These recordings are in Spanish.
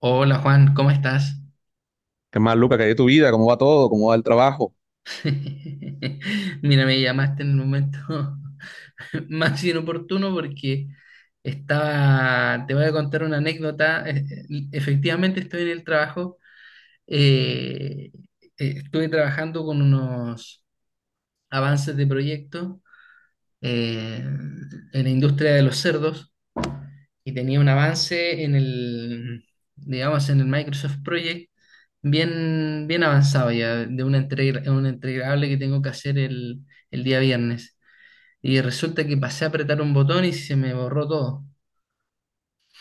Hola Juan, ¿cómo estás? ¿Qué más, Luca? ¿Qué hay de tu vida? ¿Cómo va todo? ¿Cómo va el trabajo? Mira, me llamaste en el momento más inoportuno porque estaba, te voy a contar una anécdota. Efectivamente estoy en el trabajo, eh, estuve trabajando con unos avances de proyecto eh, en la industria de los cerdos. Y tenía un avance en el, digamos, en el Microsoft Project bien, bien avanzado ya, de una entrega, un entregable que tengo que hacer el día viernes. Y resulta que pasé a apretar un botón y se me borró todo.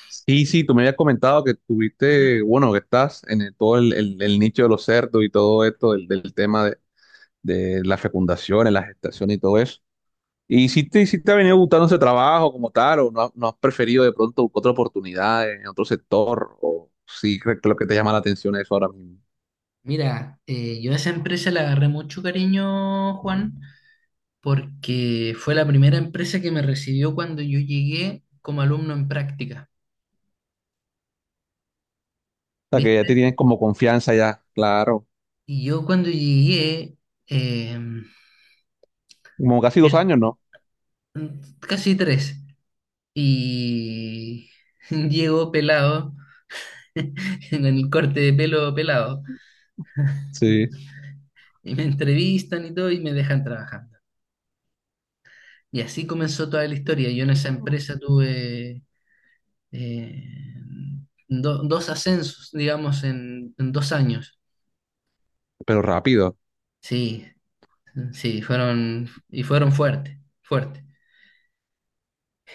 Sí, sí, tú me habías comentado que tuviste, bueno, que estás todo el nicho de los cerdos y todo esto, del tema de las fecundaciones, la gestación y todo eso. ¿Y si te ha venido gustando ese trabajo como tal, o no, has no has preferido de pronto buscar otra oportunidad en otro sector, o sí crees que lo que te llama la atención es eso ahora mismo? Mira, yo a esa empresa le agarré mucho cariño, Juan, porque fue la primera empresa que me recibió cuando yo llegué como alumno en práctica, O sea, que ya te ¿viste? tienes como confianza ya, claro, Y yo cuando llegué, eh, como casi dos eh, años, ¿no? casi tres. Y llego pelado, con el corte de pelo pelado, Sí, y me entrevistan y todo y me dejan trabajando. Y así comenzó toda la historia. Yo en esa empresa tuve eh, dos ascensos, digamos, en dos años. pero rápido. Sí, sí, fueron, y fueron fuertes, fuertes.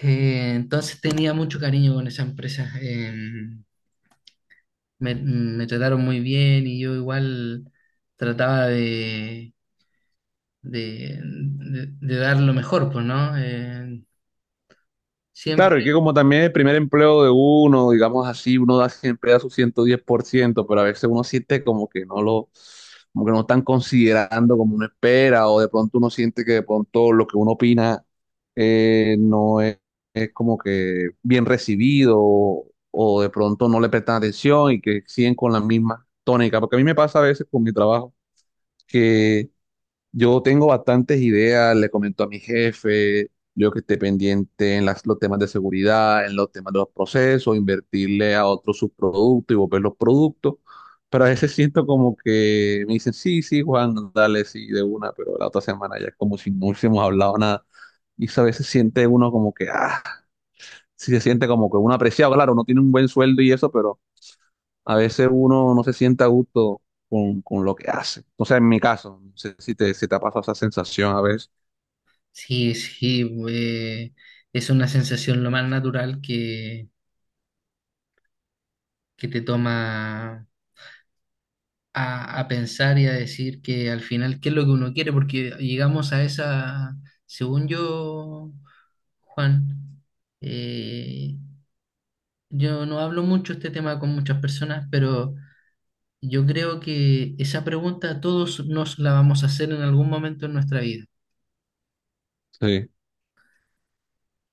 Entonces tenía mucho cariño con esa empresa. Me trataron muy bien y yo igual trataba de de dar lo mejor, pues, ¿no? Siempre, Claro, y que como también el primer empleo de uno, digamos así, uno da siempre da su 110%, pero a veces uno siente como que no están considerando como uno espera, o de pronto uno siente que de pronto lo que uno opina no es, es como que bien recibido, o de pronto no le prestan atención y que siguen con la misma tónica, porque a mí me pasa a veces con mi trabajo que yo tengo bastantes ideas, le comento a mi jefe, yo que esté pendiente en los temas de seguridad, en los temas de los procesos, invertirle a otros subproductos y volver los productos, pero a veces siento como que me dicen, sí, sí, Juan, dale, sí, de una, pero la otra semana ya es como si no hubiésemos hablado nada. Y eso a veces siente uno como que, ah, sí se siente como que uno apreciado, claro, uno tiene un buen sueldo y eso, pero a veces uno no se siente a gusto con lo que hace. O sea, en mi caso, no sé si te ha pasado esa sensación a veces. sí, sí, es una sensación lo más natural que te toma a pensar y a decir que al final qué es lo que uno quiere, porque llegamos a esa, según yo, Juan, eh, yo no hablo mucho este tema con muchas personas, pero... Yo creo que esa pregunta todos nos la vamos a hacer en algún momento en nuestra vida. Sí,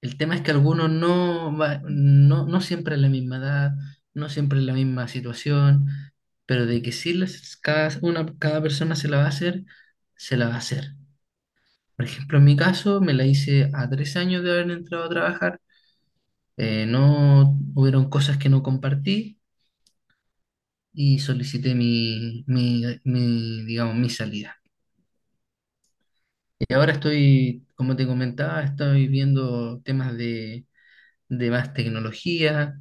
El tema es que algunos no, no, no siempre es la misma edad, no siempre es la misma situación, pero de que sí cada, una, cada persona se la va a hacer, se la va a hacer. Por ejemplo, en mi caso me la hice a tres años de haber entrado a trabajar, no hubieron cosas que no compartí y solicité mi, digamos, mi salida. Y ahora estoy, como te comentaba, estoy viendo temas de más tecnología.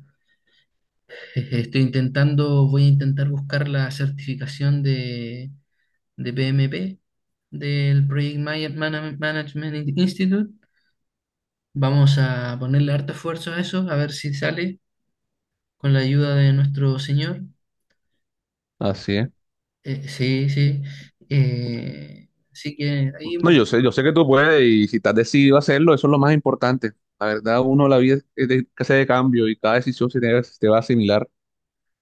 Estoy intentando, voy a intentar buscar la certificación de PMP del Project Management Institute. Vamos a ponerle harto esfuerzo a eso, a ver si sale con la ayuda de nuestro señor. así es. Sí, sí. Así que ahí, No, pues, yo sé que tú puedes y si estás decidido a hacerlo, eso es lo más importante. La verdad, uno la vida es de, que de cambio y cada decisión se te va a asimilar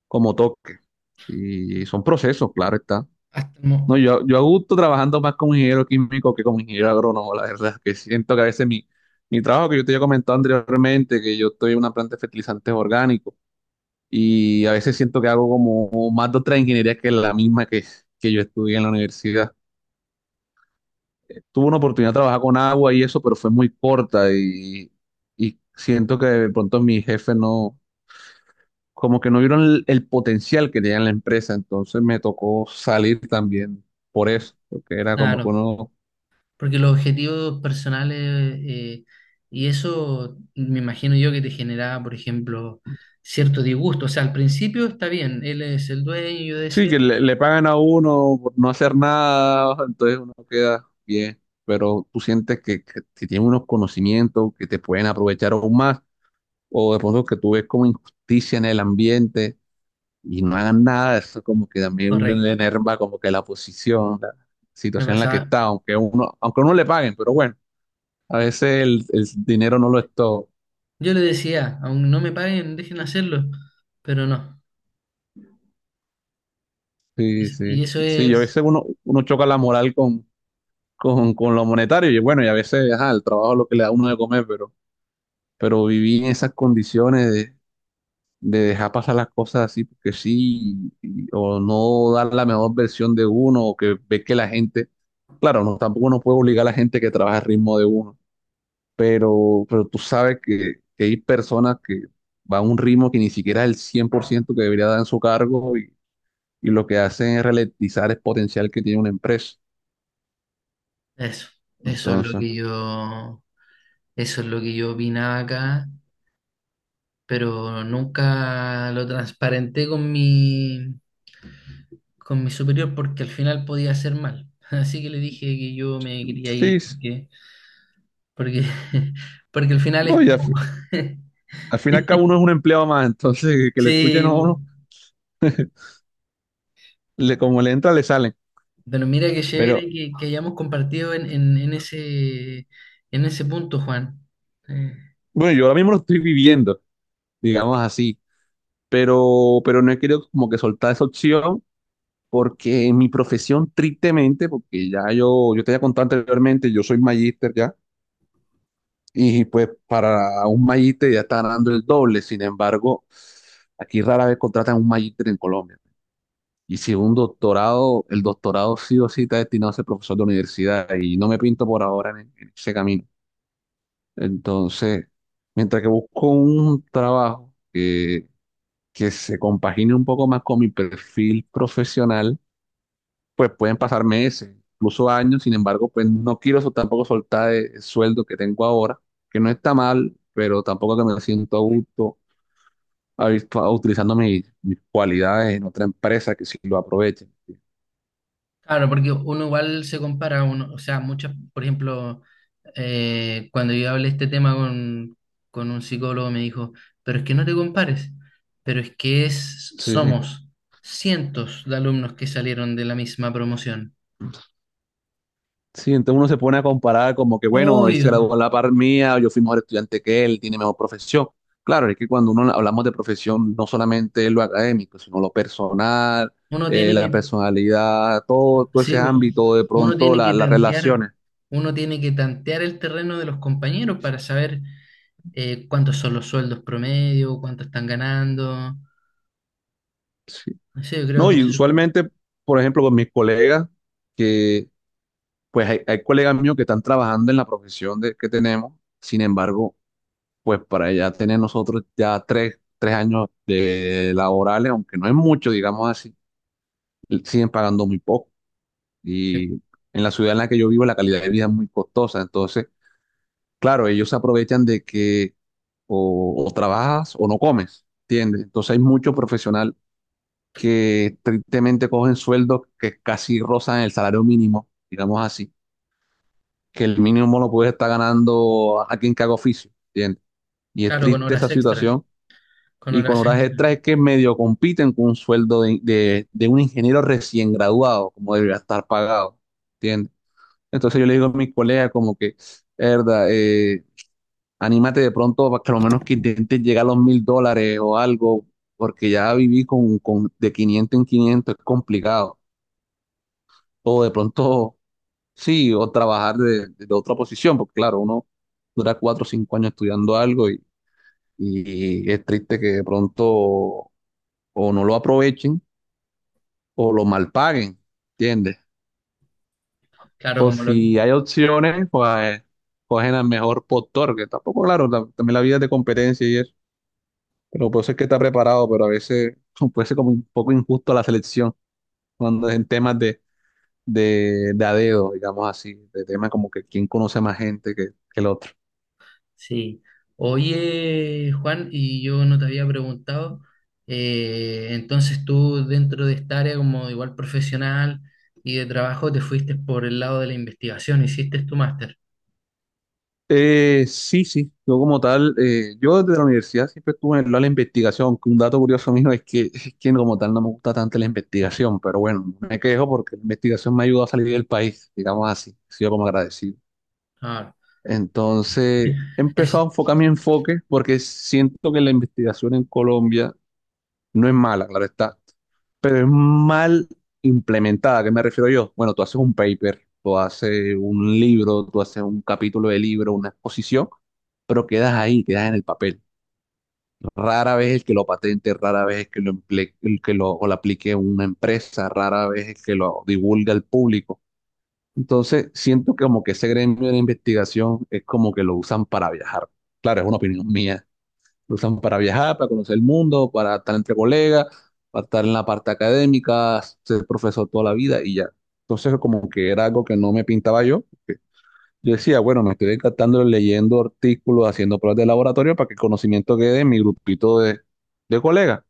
como toque. Y son procesos, claro está. hasta, No, yo a gusto trabajando más como ingeniero químico que como ingeniero agrónomo, la verdad, que siento que a veces mi trabajo que yo te había comentado anteriormente, que yo estoy en una planta de fertilizantes orgánicos y a veces siento que hago como más de otra ingeniería que la misma que yo estudié en la universidad. Tuve una oportunidad de trabajar con agua y eso, pero fue muy corta y siento que de pronto mi jefe no, como que no vieron el potencial que tenía en la empresa, entonces me tocó salir también por eso, porque era como que claro, uno, porque los objetivos personales, y eso me imagino yo que te generaba, por ejemplo, cierto disgusto. O sea, al principio está bien, él es el dueño, y yo sí, decía, que le pagan a uno por no hacer nada, entonces uno queda bien, pero tú sientes que tienes unos conocimientos que te pueden aprovechar aún más, o de pronto que tú ves como injusticia en el ambiente. Y no hagan nada, eso como que también uno le correcto, enerva como que la posición, la me situación en la que pasaba. está, aunque uno le paguen, pero bueno, a veces el dinero no lo es todo. Yo le decía, aún no me paguen, dejen hacerlo, pero no. Sí, Y sí. eso Sí, y a veces es, uno choca la moral con, lo monetario, y bueno, y a veces, ajá, el trabajo es lo que le da a uno de comer, pero vivir en esas condiciones de dejar pasar las cosas así porque sí, y- o no dar la mejor versión de uno, o que ve que la gente, claro, no, tampoco uno puede obligar a la gente que trabaja al ritmo de uno pero tú sabes que hay personas que van a un ritmo que ni siquiera es el 100% que debería dar en su cargo y lo que hacen es ralentizar el potencial que tiene una empresa. eso, eso es lo Entonces, que yo, eso es lo que yo opinaba acá, pero nunca lo transparenté con mi superior porque al final podía hacer mal. Así que le dije que yo me quería ir sí, sí. porque, porque, porque al final No, es y al, como... fi- al fin y uno es un empleado más, entonces que le escuchen Sí, a uno, como le entra, le salen. pero mira qué chévere Pero que hayamos compartido en ese punto, Juan. Eh, bueno, yo ahora mismo lo estoy viviendo, digamos así, pero no he querido como que soltar esa opción. Porque en mi profesión, tristemente, porque ya yo te había contado anteriormente, yo soy magíster ya. Y pues para un Magíter ya está ganando el doble. Sin embargo, aquí rara vez contratan un Magíter en Colombia. Y si un doctorado, el doctorado sí o sí está destinado a ser profesor de universidad y no me pinto por ahora en, ese camino. Entonces, mientras que busco un trabajo que se compagine un poco más con mi perfil profesional, pues pueden pasar meses, incluso años, sin embargo, pues no quiero tampoco soltar el sueldo que tengo ahora, que no está mal, pero tampoco que me siento a gusto a- utilizando mis cualidades en otra empresa que sí lo aprovechen. Claro, porque uno igual se compara, uno, o sea, muchas, por ejemplo, cuando yo hablé este tema con un psicólogo me dijo, pero es que no te compares, pero es que es, Sí, sí. somos cientos de alumnos que salieron de la misma promoción. Sí, entonces uno se pone a comparar como que, bueno, él se Obvio, graduó a la par mía, yo fui mejor estudiante que él, tiene mejor profesión. Claro, es que cuando uno hablamos de profesión, no solamente es lo académico, sino lo personal, uno tiene la que, personalidad, todo, todo sí, ese po, ámbito, de uno pronto tiene la- que las tantear, relaciones. uno tiene que tantear el terreno de los compañeros para saber cuántos son los sueldos promedio, cuánto están ganando. Sí. No sé, yo creo No, que no, y eso, usualmente, por ejemplo, con mis colegas, que pues hay colegas míos que están trabajando en la profesión de, que tenemos, sin embargo, pues para ya tener nosotros ya tres años de laborales, aunque no es mucho, digamos así, siguen pagando muy poco. Y en la ciudad en la que yo vivo la calidad de vida es muy costosa, entonces, claro, ellos se aprovechan de que o trabajas o no comes, ¿entiendes? Entonces hay mucho profesional que tristemente cogen sueldos que casi rozan el salario mínimo, digamos así, que el mínimo lo puede estar ganando alguien que haga oficio, ¿entiendes? Y es claro, con triste esa horas extras, situación. con Y con horas horas extras. extras es que medio compiten con un sueldo de, de un ingeniero recién graduado, como debería estar pagado, ¿entiendes? Entonces yo le digo a mis colegas como que, verdad, anímate de pronto para que lo menos que intentes llegar a los $1000 o algo, porque ya viví con de 500 en 500 es complicado. O de pronto, sí, o trabajar de otra posición, porque claro, uno dura 4 o 5 años estudiando algo y es triste que de pronto o no lo aprovechen o lo mal paguen, ¿entiendes? Claro, O como lo si que... hay opciones, pues cogen al mejor postor, que tampoco, claro, la- también la vida es de competencia y eso, pero puede ser que está preparado, pero a veces puede ser como un poco injusto la selección cuando es en temas de de a dedo, digamos así, de temas como que quién conoce más gente que el otro. Sí. Oye, Juan, y yo no te había preguntado, entonces tú dentro de esta área como igual profesional y de trabajo te fuiste por el lado de la investigación, hiciste tu máster. Sí, sí, yo como tal, yo desde la universidad siempre estuve en el lado de la investigación, aunque un dato curioso mío es que como tal no me gusta tanto la investigación, pero bueno, no me quejo porque la investigación me ayudó a salir del país, digamos así, he sido como agradecido. Ah, Entonces, he empezado a enfocar mi enfoque porque siento que la investigación en Colombia no es mala, claro está, pero es mal implementada. ¿A qué me refiero yo? Bueno, tú haces un paper, tú haces un libro, tú haces un capítulo de libro, una exposición, pero quedas ahí, quedas en el papel. Rara vez el que lo patente, rara vez el que lo, o lo aplique una empresa, rara vez el que lo divulga al público. Entonces, siento que como que ese gremio de investigación es como que lo usan para viajar. Claro, es una opinión mía, lo usan para viajar, para conocer el mundo, para estar entre colegas, para estar en la parte académica, ser profesor toda la vida y ya. Entonces, como que era algo que no me pintaba yo, porque yo decía, bueno, me estoy encantando leyendo artículos, haciendo pruebas de laboratorio para que el conocimiento quede en mi grupito de colegas,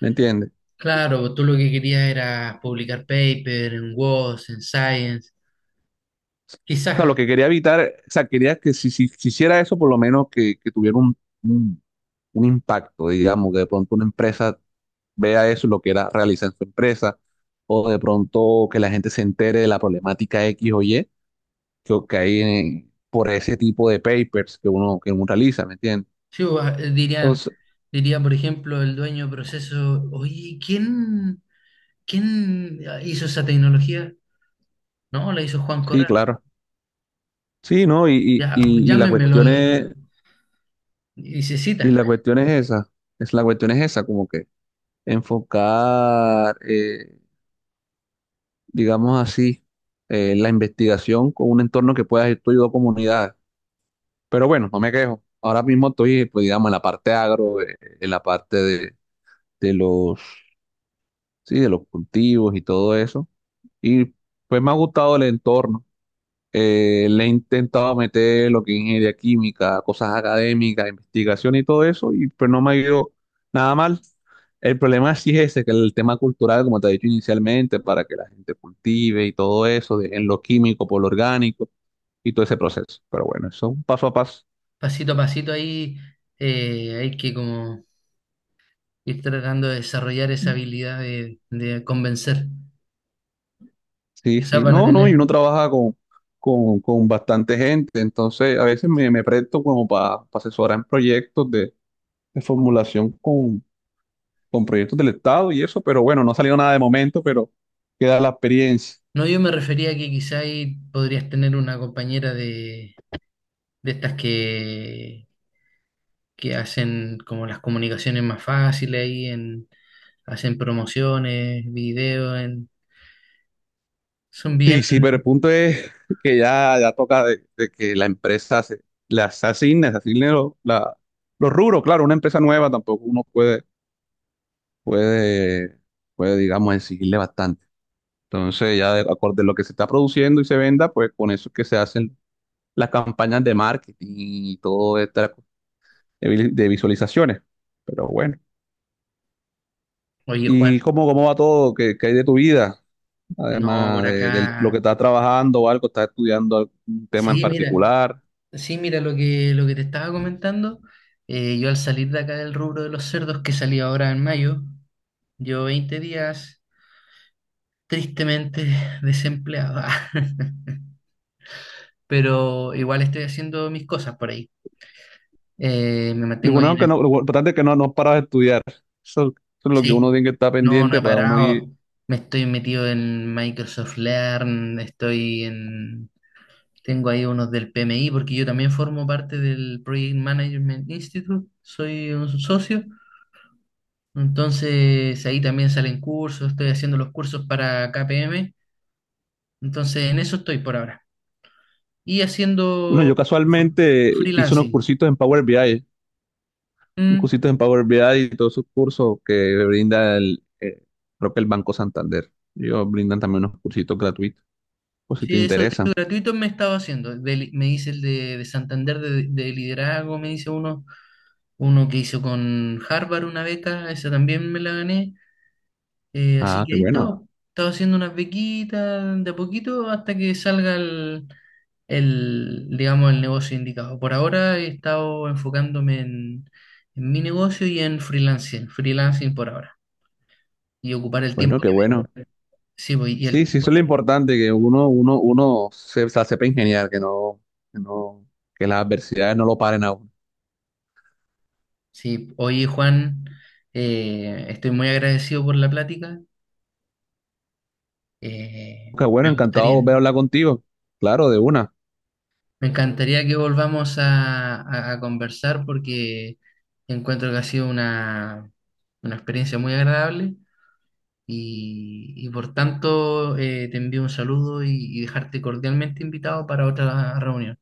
¿me entiendes? claro, tú lo que querías era publicar paper en WOS, en Science. O sea, lo Quizás, que quería evitar, o sea, quería que si hiciera eso, por lo menos que tuviera un, un impacto, digamos, que de pronto una empresa vea eso, lo que era, realiza en su empresa, o de pronto que la gente se entere de la problemática X o Y que hay por ese tipo de papers que uno realiza, ¿me entiendes? sí, o, dirían, Entonces, diría por ejemplo el dueño de proceso, oye, ¿quién... ¿Quién hizo esa tecnología? No, la hizo Juan sí, Correa. claro. Sí, ¿no? Y, y, Ya, y, y la cuestión llámenmelo es, y se y citan. la cuestión es esa, la cuestión es esa, como que enfocar, digamos así, la investigación con un entorno que pueda ir tú y dos comunidades. Pero bueno, no me quejo. Ahora mismo estoy, pues, digamos, en la parte agro, en la parte de los, sí, de los cultivos y todo eso. Y pues me ha gustado el entorno. Le he intentado meter lo que es ingeniería química, cosas académicas, investigación y todo eso, y pues no me ha ido nada mal. El problema sí es ese, que el tema cultural, como te he dicho inicialmente, para que la gente cultive y todo eso, de- en lo químico por lo orgánico y todo ese proceso. Pero bueno, eso es un paso a paso. Pasito a pasito ahí hay que como ir tratando de desarrollar esa habilidad de convencer. Sí, Quizás sí, van a no, no, y tener. uno trabaja con, con bastante gente, entonces a veces me presto como para asesorar en proyectos de formulación con proyectos del Estado y eso, pero bueno, no ha salido nada de momento, pero queda la experiencia. No, yo me refería a que quizás ahí podrías tener una compañera de estas que hacen como las comunicaciones más fáciles ahí en, hacen promociones, videos, en, son bien. Sí, sí, pero el punto es que ya, ya toca de que la empresa se, se asigne los rubros, claro, una empresa nueva tampoco uno puede, puede, puede, digamos, exigirle bastante. Entonces, ya de acorde a lo que se está produciendo y se venda, pues con eso es que se hacen las campañas de marketing y todo esta de, de visualizaciones. Pero bueno. Oye, ¿Y Juan, cómo va todo? ¿Qué hay de tu vida? no, Además por de lo acá que estás trabajando o algo, estás estudiando algún tema en sí, mira, particular. sí, mira lo que te estaba comentando. Yo al salir de acá del rubro de los cerdos que salí ahora en mayo, yo 20 días tristemente desempleado, pero igual estoy haciendo mis cosas por ahí. Me Lo mantengo ahí bueno que no, lo importante es que no, paras de estudiar. Eso es lo que uno sí, tiene que estar no, no he pendiente para uno ir. parado. Me estoy metido en Microsoft Learn, estoy en... Tengo ahí unos del PMI porque yo también formo parte del Project Management Institute, soy un socio. Entonces ahí también salen cursos, estoy haciendo los cursos para KPM, entonces en eso estoy por ahora. Y Bueno, haciendo yo fr- casualmente hice unos freelancing. cursitos en Power BI. Mm, Y todos sus cursos que brinda el, creo que el Banco Santander. Ellos brindan también unos cursitos gratuitos, por si te sí, eso de interesa. hecho gratuito me estaba haciendo. Me hice el de Santander de liderazgo, me hice uno, uno que hizo con Harvard una beca, esa también me la gané. Así Ah, que qué ahí bueno, estaba, estaba haciendo unas bequitas de a poquito hasta que salga el, digamos, el negocio indicado. Por ahora he estado enfocándome en mi negocio y en freelancing, freelancing por ahora, y ocupar el bueno, tiempo qué que me... bueno. Sí, pues, y el Sí, sí, tiempo eso es lo que- importante, que uno se sepa ingeniar, que no, que las adversidades no lo paren a uno. Sí, oye Juan, estoy muy agradecido por la plática. eh, Qué bueno, me encantado de gustaría. volver a hablar contigo. Claro, de una. Me encantaría que volvamos a, a conversar porque encuentro que ha sido una experiencia muy agradable y por tanto te envío un saludo y dejarte cordialmente invitado para otra reunión.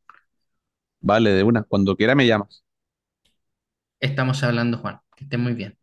Vale, de una. Cuando quiera me llamas. Estamos hablando, Juan. Que estés muy bien.